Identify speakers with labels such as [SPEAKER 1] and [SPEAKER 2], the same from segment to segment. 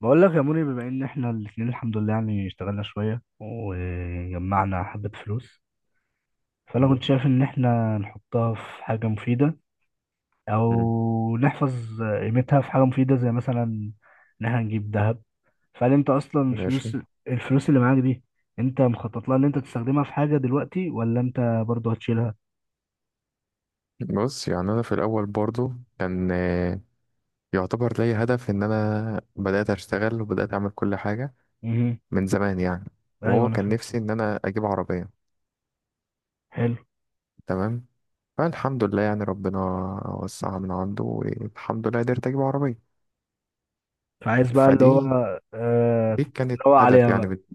[SPEAKER 1] بقول لك يا موني، بما ان احنا الاثنين الحمد لله يعني اشتغلنا شوية وجمعنا حبة فلوس. فانا كنت
[SPEAKER 2] مم.
[SPEAKER 1] شايف ان احنا نحطها في حاجة مفيدة، او نحفظ قيمتها في حاجة مفيدة، زي مثلا ان احنا نجيب ذهب. فهل انت اصلا
[SPEAKER 2] ماشي.
[SPEAKER 1] الفلوس اللي معاك دي، انت مخطط لها ان انت تستخدمها في حاجة دلوقتي، ولا انت برضه هتشيلها؟
[SPEAKER 2] بص، يعني انا في الاول برضو كان يعتبر لي هدف ان انا بدات اشتغل وبدات اعمل كل حاجه
[SPEAKER 1] امم،
[SPEAKER 2] من زمان يعني،
[SPEAKER 1] ايوه،
[SPEAKER 2] وهو
[SPEAKER 1] انا
[SPEAKER 2] كان
[SPEAKER 1] فاهم.
[SPEAKER 2] نفسي ان انا اجيب عربيه.
[SPEAKER 1] حلو.
[SPEAKER 2] تمام. فالحمد لله، يعني ربنا وسعها من عنده، والحمد لله قدرت اجيب عربيه.
[SPEAKER 1] فعايز بقى اللي هو،
[SPEAKER 2] فدي
[SPEAKER 1] آه
[SPEAKER 2] دي كانت
[SPEAKER 1] تتنوع
[SPEAKER 2] هدف
[SPEAKER 1] عليها
[SPEAKER 2] يعني
[SPEAKER 1] بقى.
[SPEAKER 2] بت-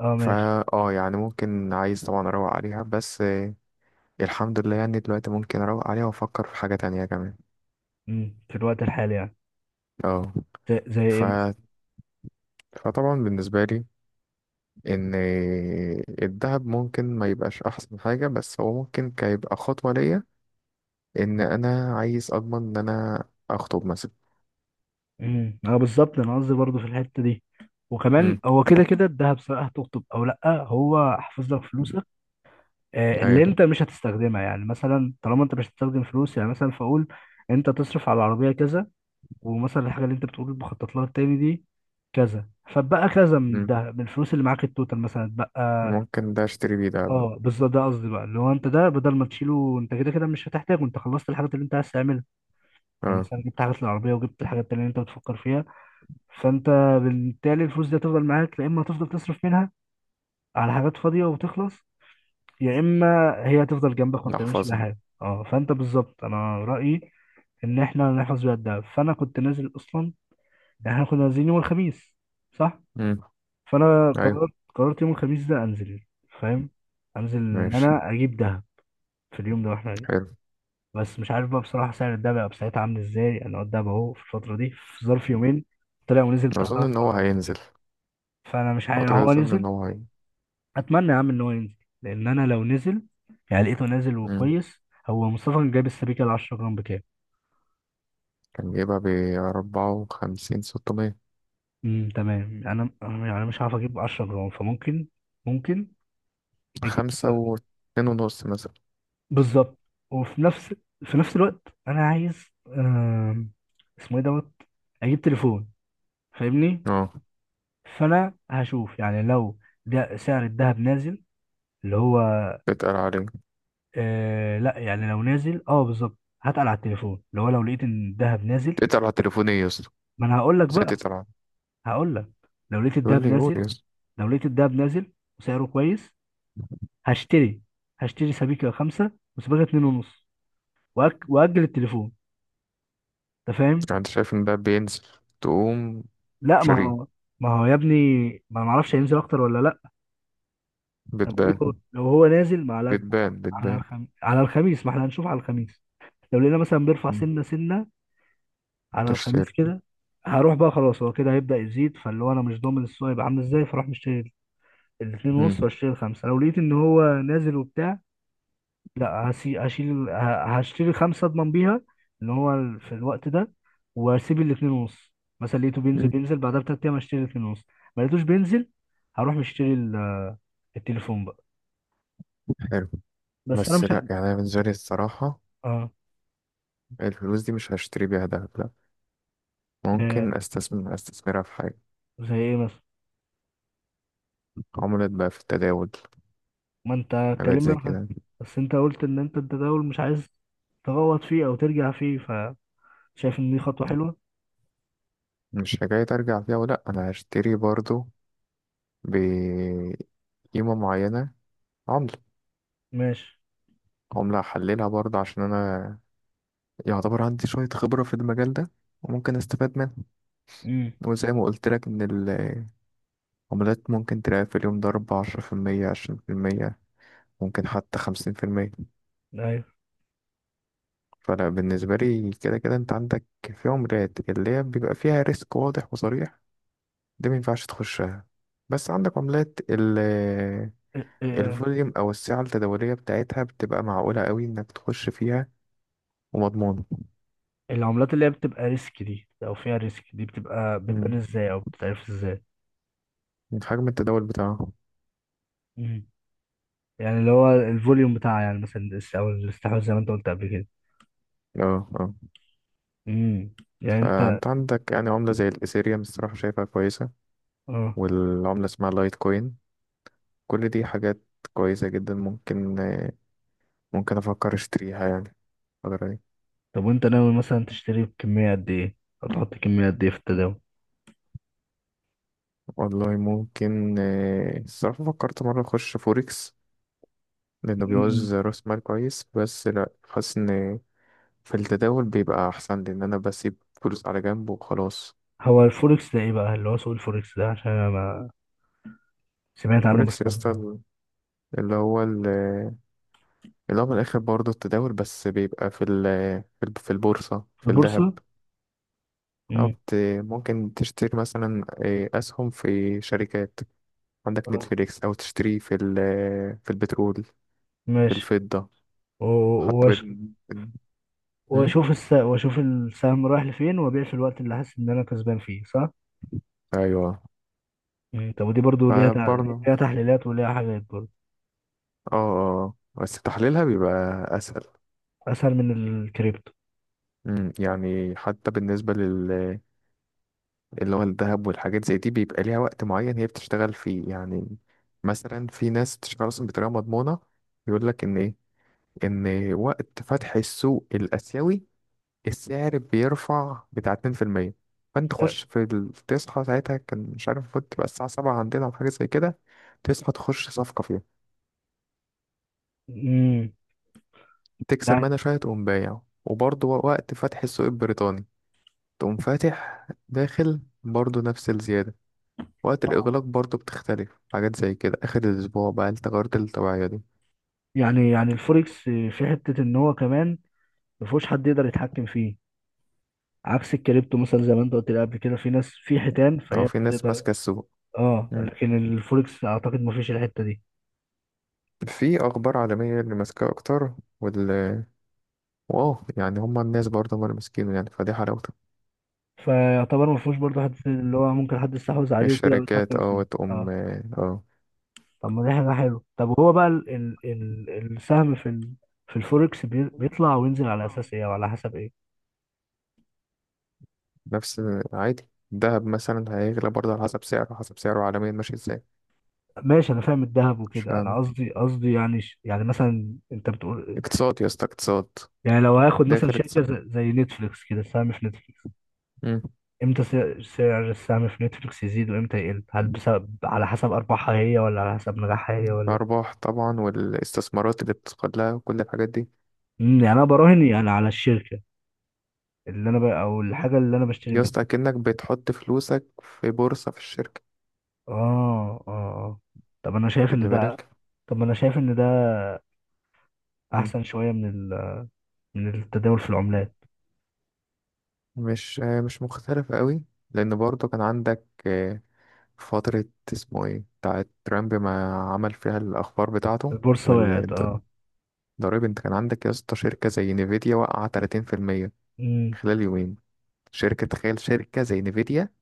[SPEAKER 1] اه،
[SPEAKER 2] فا
[SPEAKER 1] ماشي.
[SPEAKER 2] اه يعني ممكن عايز طبعا اروق عليها، بس الحمد لله يعني دلوقتي ممكن اروق عليها وافكر في حاجه تانية كمان.
[SPEAKER 1] مم. في الوقت الحالي يعني،
[SPEAKER 2] اه
[SPEAKER 1] زي
[SPEAKER 2] ف...
[SPEAKER 1] ايه مثلا؟
[SPEAKER 2] فطبعا بالنسبه لي ان الذهب ممكن ما يبقاش احسن حاجة، بس هو ممكن كيبقى خطوة ليا ان انا عايز اضمن ان انا اخطب مثلا.
[SPEAKER 1] امم، اه، بالظبط، انا قصدي برضه في الحته دي. وكمان
[SPEAKER 2] امم.
[SPEAKER 1] هو كده كده الذهب، سواء هتخطب او لا، هو حافظ لك فلوسك. اللي
[SPEAKER 2] ايوه.
[SPEAKER 1] انت مش هتستخدمها، يعني مثلا طالما انت مش هتستخدم فلوس، يعني مثلا فاقول انت تصرف على العربيه كذا، ومثلا الحاجه اللي انت بتقول بخطط لها التاني دي كذا، فبقى كذا من
[SPEAKER 2] امم.
[SPEAKER 1] الذهب، من الفلوس اللي معاك التوتال مثلا بقى.
[SPEAKER 2] ممكن ده اشتري بيه دهب بقى.
[SPEAKER 1] اه، بالظبط، ده قصدي بقى، اللي هو انت، ده بدل ما تشيله، انت كده كده مش هتحتاجه، انت خلصت الحاجات اللي انت عايز تعملها. يعني
[SPEAKER 2] اه.
[SPEAKER 1] مثلا جبت حاجات للعربيه، وجبت الحاجات التانيه اللي انت بتفكر فيها. فانت بالتالي الفلوس دي هتفضل معاك، يا اما هتفضل تصرف منها على حاجات فاضيه وتخلص، يا اما هي هتفضل جنبك ما بتعملش بيها
[SPEAKER 2] احفظها.
[SPEAKER 1] حاجه. اه، فانت بالظبط انا رايي ان احنا نحفظ بيها الدهب. فانا كنت نازل اصلا، يعني احنا كنا نازلين يوم الخميس، صح.
[SPEAKER 2] امم.
[SPEAKER 1] فانا
[SPEAKER 2] ايوه.
[SPEAKER 1] قررت يوم الخميس ده انزل. فاهم، انزل ان
[SPEAKER 2] ماشي.
[SPEAKER 1] انا اجيب دهب في اليوم ده واحنا قاعدين.
[SPEAKER 2] حلو.
[SPEAKER 1] بس مش عارف بقى بصراحه سعر الدهب هيبقى ساعتها عامل ازاي. انا الدهب اهو في الفتره دي، في ظرف يومين، طلع ونزل بتاع
[SPEAKER 2] اظن
[SPEAKER 1] ثلاث
[SPEAKER 2] ان هو
[SPEAKER 1] مرات.
[SPEAKER 2] هينزل
[SPEAKER 1] فانا مش عارف
[SPEAKER 2] فترة،
[SPEAKER 1] هو
[SPEAKER 2] اظن ان
[SPEAKER 1] نزل.
[SPEAKER 2] هو هي.
[SPEAKER 1] اتمنى يا عم ان هو ينزل، لان انا لو نزل، يعني لقيته نازل
[SPEAKER 2] امم.
[SPEAKER 1] وكويس. هو مصطفى كان جايب السبيكه ال 10 جرام بكام؟
[SPEAKER 2] كان جايبها بـ54,600.
[SPEAKER 1] امم، تمام. انا يعني مش عارف اجيب 10 جرام، فممكن ممكن اجيب
[SPEAKER 2] خمسة واتنين ونص مثلا.
[SPEAKER 1] بالظبط. وفي نفس في نفس الوقت انا عايز، اسمه ايه، دوت، اجيب تليفون. فاهمني؟
[SPEAKER 2] اه.
[SPEAKER 1] فانا هشوف يعني لو ده سعر الذهب نازل، اللي هو
[SPEAKER 2] اتقل عليه.
[SPEAKER 1] لا، يعني لو نازل، بالظبط هتقل على التليفون، اللي هو لو لقيت ان الذهب نازل.
[SPEAKER 2] اتقل على تليفوني يا اسطى.
[SPEAKER 1] ما انا هقول لك
[SPEAKER 2] ازاي
[SPEAKER 1] بقى
[SPEAKER 2] تتقل عليه؟
[SPEAKER 1] هقول لك، لو لقيت
[SPEAKER 2] يقول
[SPEAKER 1] الدهب
[SPEAKER 2] لي قول
[SPEAKER 1] نازل
[SPEAKER 2] يا اسطى.
[SPEAKER 1] لو لقيت الدهب نازل وسعره كويس، هشتري هشتري سبيكة خمسة وسبيكة اتنين ونص. وأجل التليفون. أنت فاهم؟
[SPEAKER 2] يعني انت شايف ان ده بينزل تقوم
[SPEAKER 1] لا، ما
[SPEAKER 2] شاريه؟
[SPEAKER 1] هو ما هو يا ابني، ما أنا معرفش هينزل أكتر ولا لأ. أنا بقول، لو
[SPEAKER 2] بتبان
[SPEAKER 1] لو هو نازل، ما على
[SPEAKER 2] بتبان.
[SPEAKER 1] على
[SPEAKER 2] بتبان.
[SPEAKER 1] على الخميس، ما احنا هنشوف على الخميس. لو لقينا مثلا بيرفع
[SPEAKER 2] مم.
[SPEAKER 1] سنة سنة على الخميس
[SPEAKER 2] تشتري.
[SPEAKER 1] كده، هروح بقى خلاص، هو كده هيبدأ يزيد، فاللي هو أنا مش ضامن السوق هيبقى عامل إزاي. فأروح مشتري الاتنين ونص،
[SPEAKER 2] مم.
[SPEAKER 1] وأشتري الخمسة لو لقيت إن هو نازل وبتاع. لا، هشتري خمسة اضمن بيها ان هو، في الوقت ده، واسيب الاتنين ونص. مثلا لقيته بينزل،
[SPEAKER 2] مم.
[SPEAKER 1] بعدها بتلات ايام هشتري الاتنين ونص. ما لقيتوش بينزل، هروح مشتري التليفون بقى.
[SPEAKER 2] حلو.
[SPEAKER 1] بس انا
[SPEAKER 2] بس
[SPEAKER 1] مش
[SPEAKER 2] لا،
[SPEAKER 1] ه-
[SPEAKER 2] يعني أنا بالنسبة لي الصراحة
[SPEAKER 1] اه.
[SPEAKER 2] الفلوس دي مش هشتري بيها دهب لا،
[SPEAKER 1] آه،
[SPEAKER 2] ممكن استثمرها في حاجة.
[SPEAKER 1] زي ايه مثلا؟
[SPEAKER 2] عملت بقى في التداول
[SPEAKER 1] ما انت
[SPEAKER 2] حاجات زي كده.
[SPEAKER 1] بس انت قلت ان انت التداول مش عايز تغوط فيه او ترجع فيه، فشايف ان دي خطوة حلوة.
[SPEAKER 2] مش حكاية ارجع فيها، ولا انا هشتري برضو بقيمة معينة. عملة
[SPEAKER 1] ماشي.
[SPEAKER 2] عملة هحللها برضه عشان انا يعتبر عندي شوية خبرة في المجال ده، وممكن استفاد منها.
[SPEAKER 1] امم.
[SPEAKER 2] وزي ما قلت لك ان عملات ممكن تلاقي في اليوم ضرب 10%، 20%، ممكن حتى 50%.
[SPEAKER 1] ايوه.
[SPEAKER 2] فلا، بالنسبة لي كده كده انت عندك في عملات اللي هي بيبقى فيها ريسك واضح وصريح، دي مينفعش تخشها. بس عندك عملات ال آه،
[SPEAKER 1] إيه- إيه-
[SPEAKER 2] الفوليوم أو السعة التداولية بتاعتها بتبقى معقولة قوي إنك تخش فيها ومضمونة.
[SPEAKER 1] العملات اللي هي بتبقى ريسك دي او فيها ريسك دي، بتبقى بتبان
[SPEAKER 2] مم.
[SPEAKER 1] ازاي او بتتعرف ازاي؟
[SPEAKER 2] من حجم التداول بتاعها.
[SPEAKER 1] مم. يعني اللي هو الفوليوم بتاع، يعني مثلا الاس- او الاستحواذ زي ما انت قلت قبل كده.
[SPEAKER 2] اه اه.
[SPEAKER 1] امم، يعني انت،
[SPEAKER 2] فأنت عندك يعني عملة زي الإيثيريوم الصراحة شايفها كويسة،
[SPEAKER 1] اه.
[SPEAKER 2] والعملة اسمها لايت كوين. كل دي حاجات كويسة جدا، ممكن أفكر أشتريها يعني الفترة دي.
[SPEAKER 1] طب وانت ناوي مثلا تشتري بكمية قد ايه، او تحط كمية قد ايه في التداول؟
[SPEAKER 2] والله ممكن الصراحة فكرت مرة أخش فوركس لأنه
[SPEAKER 1] مم.
[SPEAKER 2] بيعوز رأس مال كويس، بس لأ، حاسس إن في التداول بيبقى أحسن لأن أنا بسيب فلوس على جنب وخلاص.
[SPEAKER 1] هو الفوركس ده ايه بقى، اللي هو سوق الفوركس ده، عشان انا ما سمعت عنه
[SPEAKER 2] فوركس
[SPEAKER 1] بس.
[SPEAKER 2] يا اسطى اللي هو ال- اللي هو من الآخر برضه التداول، بس بيبقى في البورصة
[SPEAKER 1] في
[SPEAKER 2] في الذهب.
[SPEAKER 1] البورصة.
[SPEAKER 2] أو
[SPEAKER 1] امم،
[SPEAKER 2] بت- ممكن تشتري مثلا أسهم في شركات، عندك
[SPEAKER 1] اه،
[SPEAKER 2] نتفليكس، او تشتريه في البترول، في
[SPEAKER 1] ماشي.
[SPEAKER 2] الفضة.
[SPEAKER 1] و-
[SPEAKER 2] حتى
[SPEAKER 1] وأش-
[SPEAKER 2] م?
[SPEAKER 1] واشوف واشوف السهم رايح لفين، وابيع في الوقت اللي حاسس ان انا كسبان فيه، صح.
[SPEAKER 2] ايوه.
[SPEAKER 1] مم. طب ودي برضو ليها
[SPEAKER 2] فبرضه
[SPEAKER 1] ليها تحليلات وليها حاجات برضو.
[SPEAKER 2] اه بس تحليلها بيبقى اسهل.
[SPEAKER 1] اسهل من الكريبتو.
[SPEAKER 2] يعني حتى بالنسبة اللي هو الذهب والحاجات زي دي بيبقى ليها وقت معين هي بتشتغل فيه يعني. مثلا في ناس بتشتغل اصلا بطريقة مضمونة، يقول لك ان ايه، ان وقت فتح السوق الاسيوي السعر بيرفع بتاع 2%، فانت تخش تصحى ساعتها كان مش عارف المفروض تبقى الساعة سبعة عندنا أو حاجة زي كده، تصحى تخش صفقة فيها،
[SPEAKER 1] امم،
[SPEAKER 2] تكسب
[SPEAKER 1] يعني
[SPEAKER 2] منها شوية، تقوم بايع. وبرضه وقت فتح السوق البريطاني تقوم فاتح داخل برضه نفس الزيادة. وقت
[SPEAKER 1] آه.
[SPEAKER 2] الإغلاق برضه بتختلف، حاجات زي كده آخر الأسبوع بقى التغيرات الطبيعية دي.
[SPEAKER 1] يعني الفوركس في حته ان هو كمان ما فيهوش حد يقدر يتحكم فيه، عكس الكريبتو مثلا. زي ما انت قلت لي قبل كده، في ناس، في حيتان
[SPEAKER 2] لو
[SPEAKER 1] فهي
[SPEAKER 2] في ناس
[SPEAKER 1] بتقدر.
[SPEAKER 2] ماسكة السوق.
[SPEAKER 1] اه،
[SPEAKER 2] مم.
[SPEAKER 1] لكن الفوركس اعتقد ما فيش الحته دي.
[SPEAKER 2] في أخبار عالمية اللي ماسكة أكتر، وال واو يعني هما الناس برضه هما اللي ماسكينه يعني، فدي حلاوة.
[SPEAKER 1] فيعتبر ما فيهوش برضه حد اللي هو ممكن حد يستحوذ عليه وكده او
[SPEAKER 2] الشركات
[SPEAKER 1] يتحكم فيه.
[SPEAKER 2] وتقوم
[SPEAKER 1] اه، طب ما دي حاجه حلوه. طب هو بقى ال السهم في الفوركس بيطلع وينزل على
[SPEAKER 2] آه.
[SPEAKER 1] اساس ايه وعلى حسب ايه؟
[SPEAKER 2] نفس عادي. الذهب مثلا هيغلى برضه على حسب سعره، حسب سعره عالميا ماشي ازاي.
[SPEAKER 1] ماشي، انا فاهم الذهب
[SPEAKER 2] مش
[SPEAKER 1] وكده، انا
[SPEAKER 2] فاهم.
[SPEAKER 1] قصدي يعني يعني مثلا انت بتقول،
[SPEAKER 2] اقتصاد يا اسطى اقتصاد.
[SPEAKER 1] يعني لو هاخد مثلا
[SPEAKER 2] داخل
[SPEAKER 1] شركة
[SPEAKER 2] اقتصاد.
[SPEAKER 1] زي نتفليكس كده، سهم في نتفليكس،
[SPEAKER 2] مم.
[SPEAKER 1] امتى سعر السهم في نتفليكس يزيد، وامتى يقل؟ هل بسبب، على حسب ارباحها هي، ولا على حسب نجاحها هي، ولا؟
[SPEAKER 2] الأرباح طبعا، والاستثمارات اللي بتدخل لها، وكل الحاجات دي.
[SPEAKER 1] امم، يعني انا براهن يعني على الشركة اللي انا ب... او الحاجة اللي انا بشتري
[SPEAKER 2] يا
[SPEAKER 1] منها.
[SPEAKER 2] اسطى أكنك بتحط فلوسك في بورصة في الشركة.
[SPEAKER 1] اه، اه، طب انا شايف ان
[SPEAKER 2] خلي
[SPEAKER 1] ده
[SPEAKER 2] بالك.
[SPEAKER 1] طب ما انا شايف ان ده
[SPEAKER 2] مم.
[SPEAKER 1] احسن شوية من من التداول في العملات.
[SPEAKER 2] مش مختلف قوي، لأن برضه كان عندك فترة اسمه ايه بتاعت ترامب ما عمل فيها الأخبار بتاعته.
[SPEAKER 1] البورصة وقعت، اه.
[SPEAKER 2] ضريب، انت كان عندك يا اسطى شركة زي نيفيديا وقع 30%
[SPEAKER 1] امم،
[SPEAKER 2] خلال يومين. شركة، تخيل شركة زي نيفيديا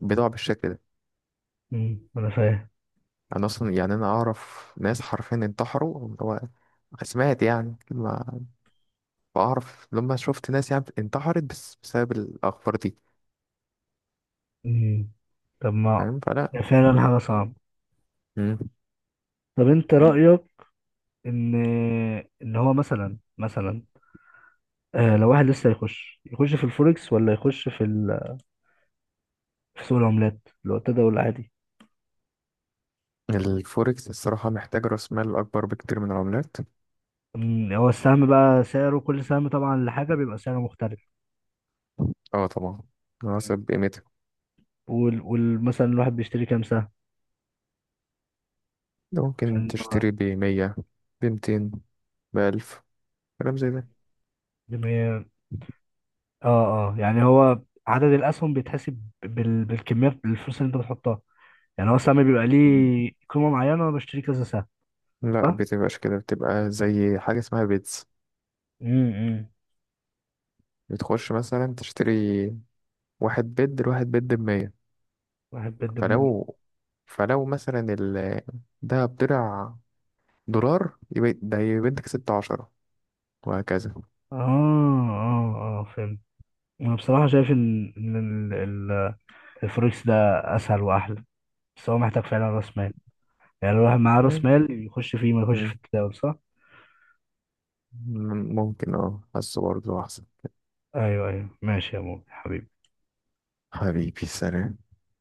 [SPEAKER 2] بتقع بالشكل ده.
[SPEAKER 1] امم، انا فاهم.
[SPEAKER 2] انا اصلا يعني انا اعرف ناس حرفيا انتحروا، اللي هو سمعت يعني ما بعرف، لما شفت ناس يعني انتحرت بس بسبب الاخبار دي.
[SPEAKER 1] امم. طب ما
[SPEAKER 2] فاهم، فلا.
[SPEAKER 1] فعلا حاجة
[SPEAKER 2] مم.
[SPEAKER 1] صعبة.
[SPEAKER 2] مم.
[SPEAKER 1] طب انت رأيك ان، هو مثلا، لو واحد لسه يخش في الفوركس، ولا يخش في في سوق العملات اللي هو التداول العادي؟
[SPEAKER 2] الفوركس الصراحة محتاج رأس مال أكبر بكتير من العملات.
[SPEAKER 1] أمم، هو السهم بقى سعره، كل سهم طبعا لحاجه بيبقى سعره مختلف.
[SPEAKER 2] اه طبعا، على
[SPEAKER 1] مم.
[SPEAKER 2] حسب قيمتها.
[SPEAKER 1] مثلا الواحد بيشتري كام سهم،
[SPEAKER 2] ممكن
[SPEAKER 1] عشان هو
[SPEAKER 2] تشتري بمية، بمتين، بألف، كلام زي ده.
[SPEAKER 1] جميع- اه، اه. يعني هو عدد الاسهم بيتحسب بالكميه، بالفلوس اللي انت بتحطها. يعني هو السهم بيبقى ليه قيمه معينه وانا بشتري كذا سهم،
[SPEAKER 2] لا،
[SPEAKER 1] صح؟
[SPEAKER 2] بتبقاش كده، بتبقى زي حاجة اسمها بيتز.
[SPEAKER 1] امم.
[SPEAKER 2] بتخش مثلا تشتري واحد بيد لواحد بيد بمية.
[SPEAKER 1] واحد بالدمية.
[SPEAKER 2] فلو فلو مثلا ده بضلع دولار يبقى ده، يبقى انت كسبت عشرة، وهكذا.
[SPEAKER 1] اه، اه، اه، فهمت. انا بصراحه شايف ان الفوركس ده اسهل واحلى، بس هو محتاج فعلا راس مال. يعني لو الواحد معاه راس
[SPEAKER 2] مم.
[SPEAKER 1] مال، يخش فيه ما يخش في
[SPEAKER 2] مم.
[SPEAKER 1] التداول، صح.
[SPEAKER 2] ممكن حاسه برضه أحسن.
[SPEAKER 1] ايوه، ايوه، ماشي يا مو حبيبي.
[SPEAKER 2] حبيبي سلام.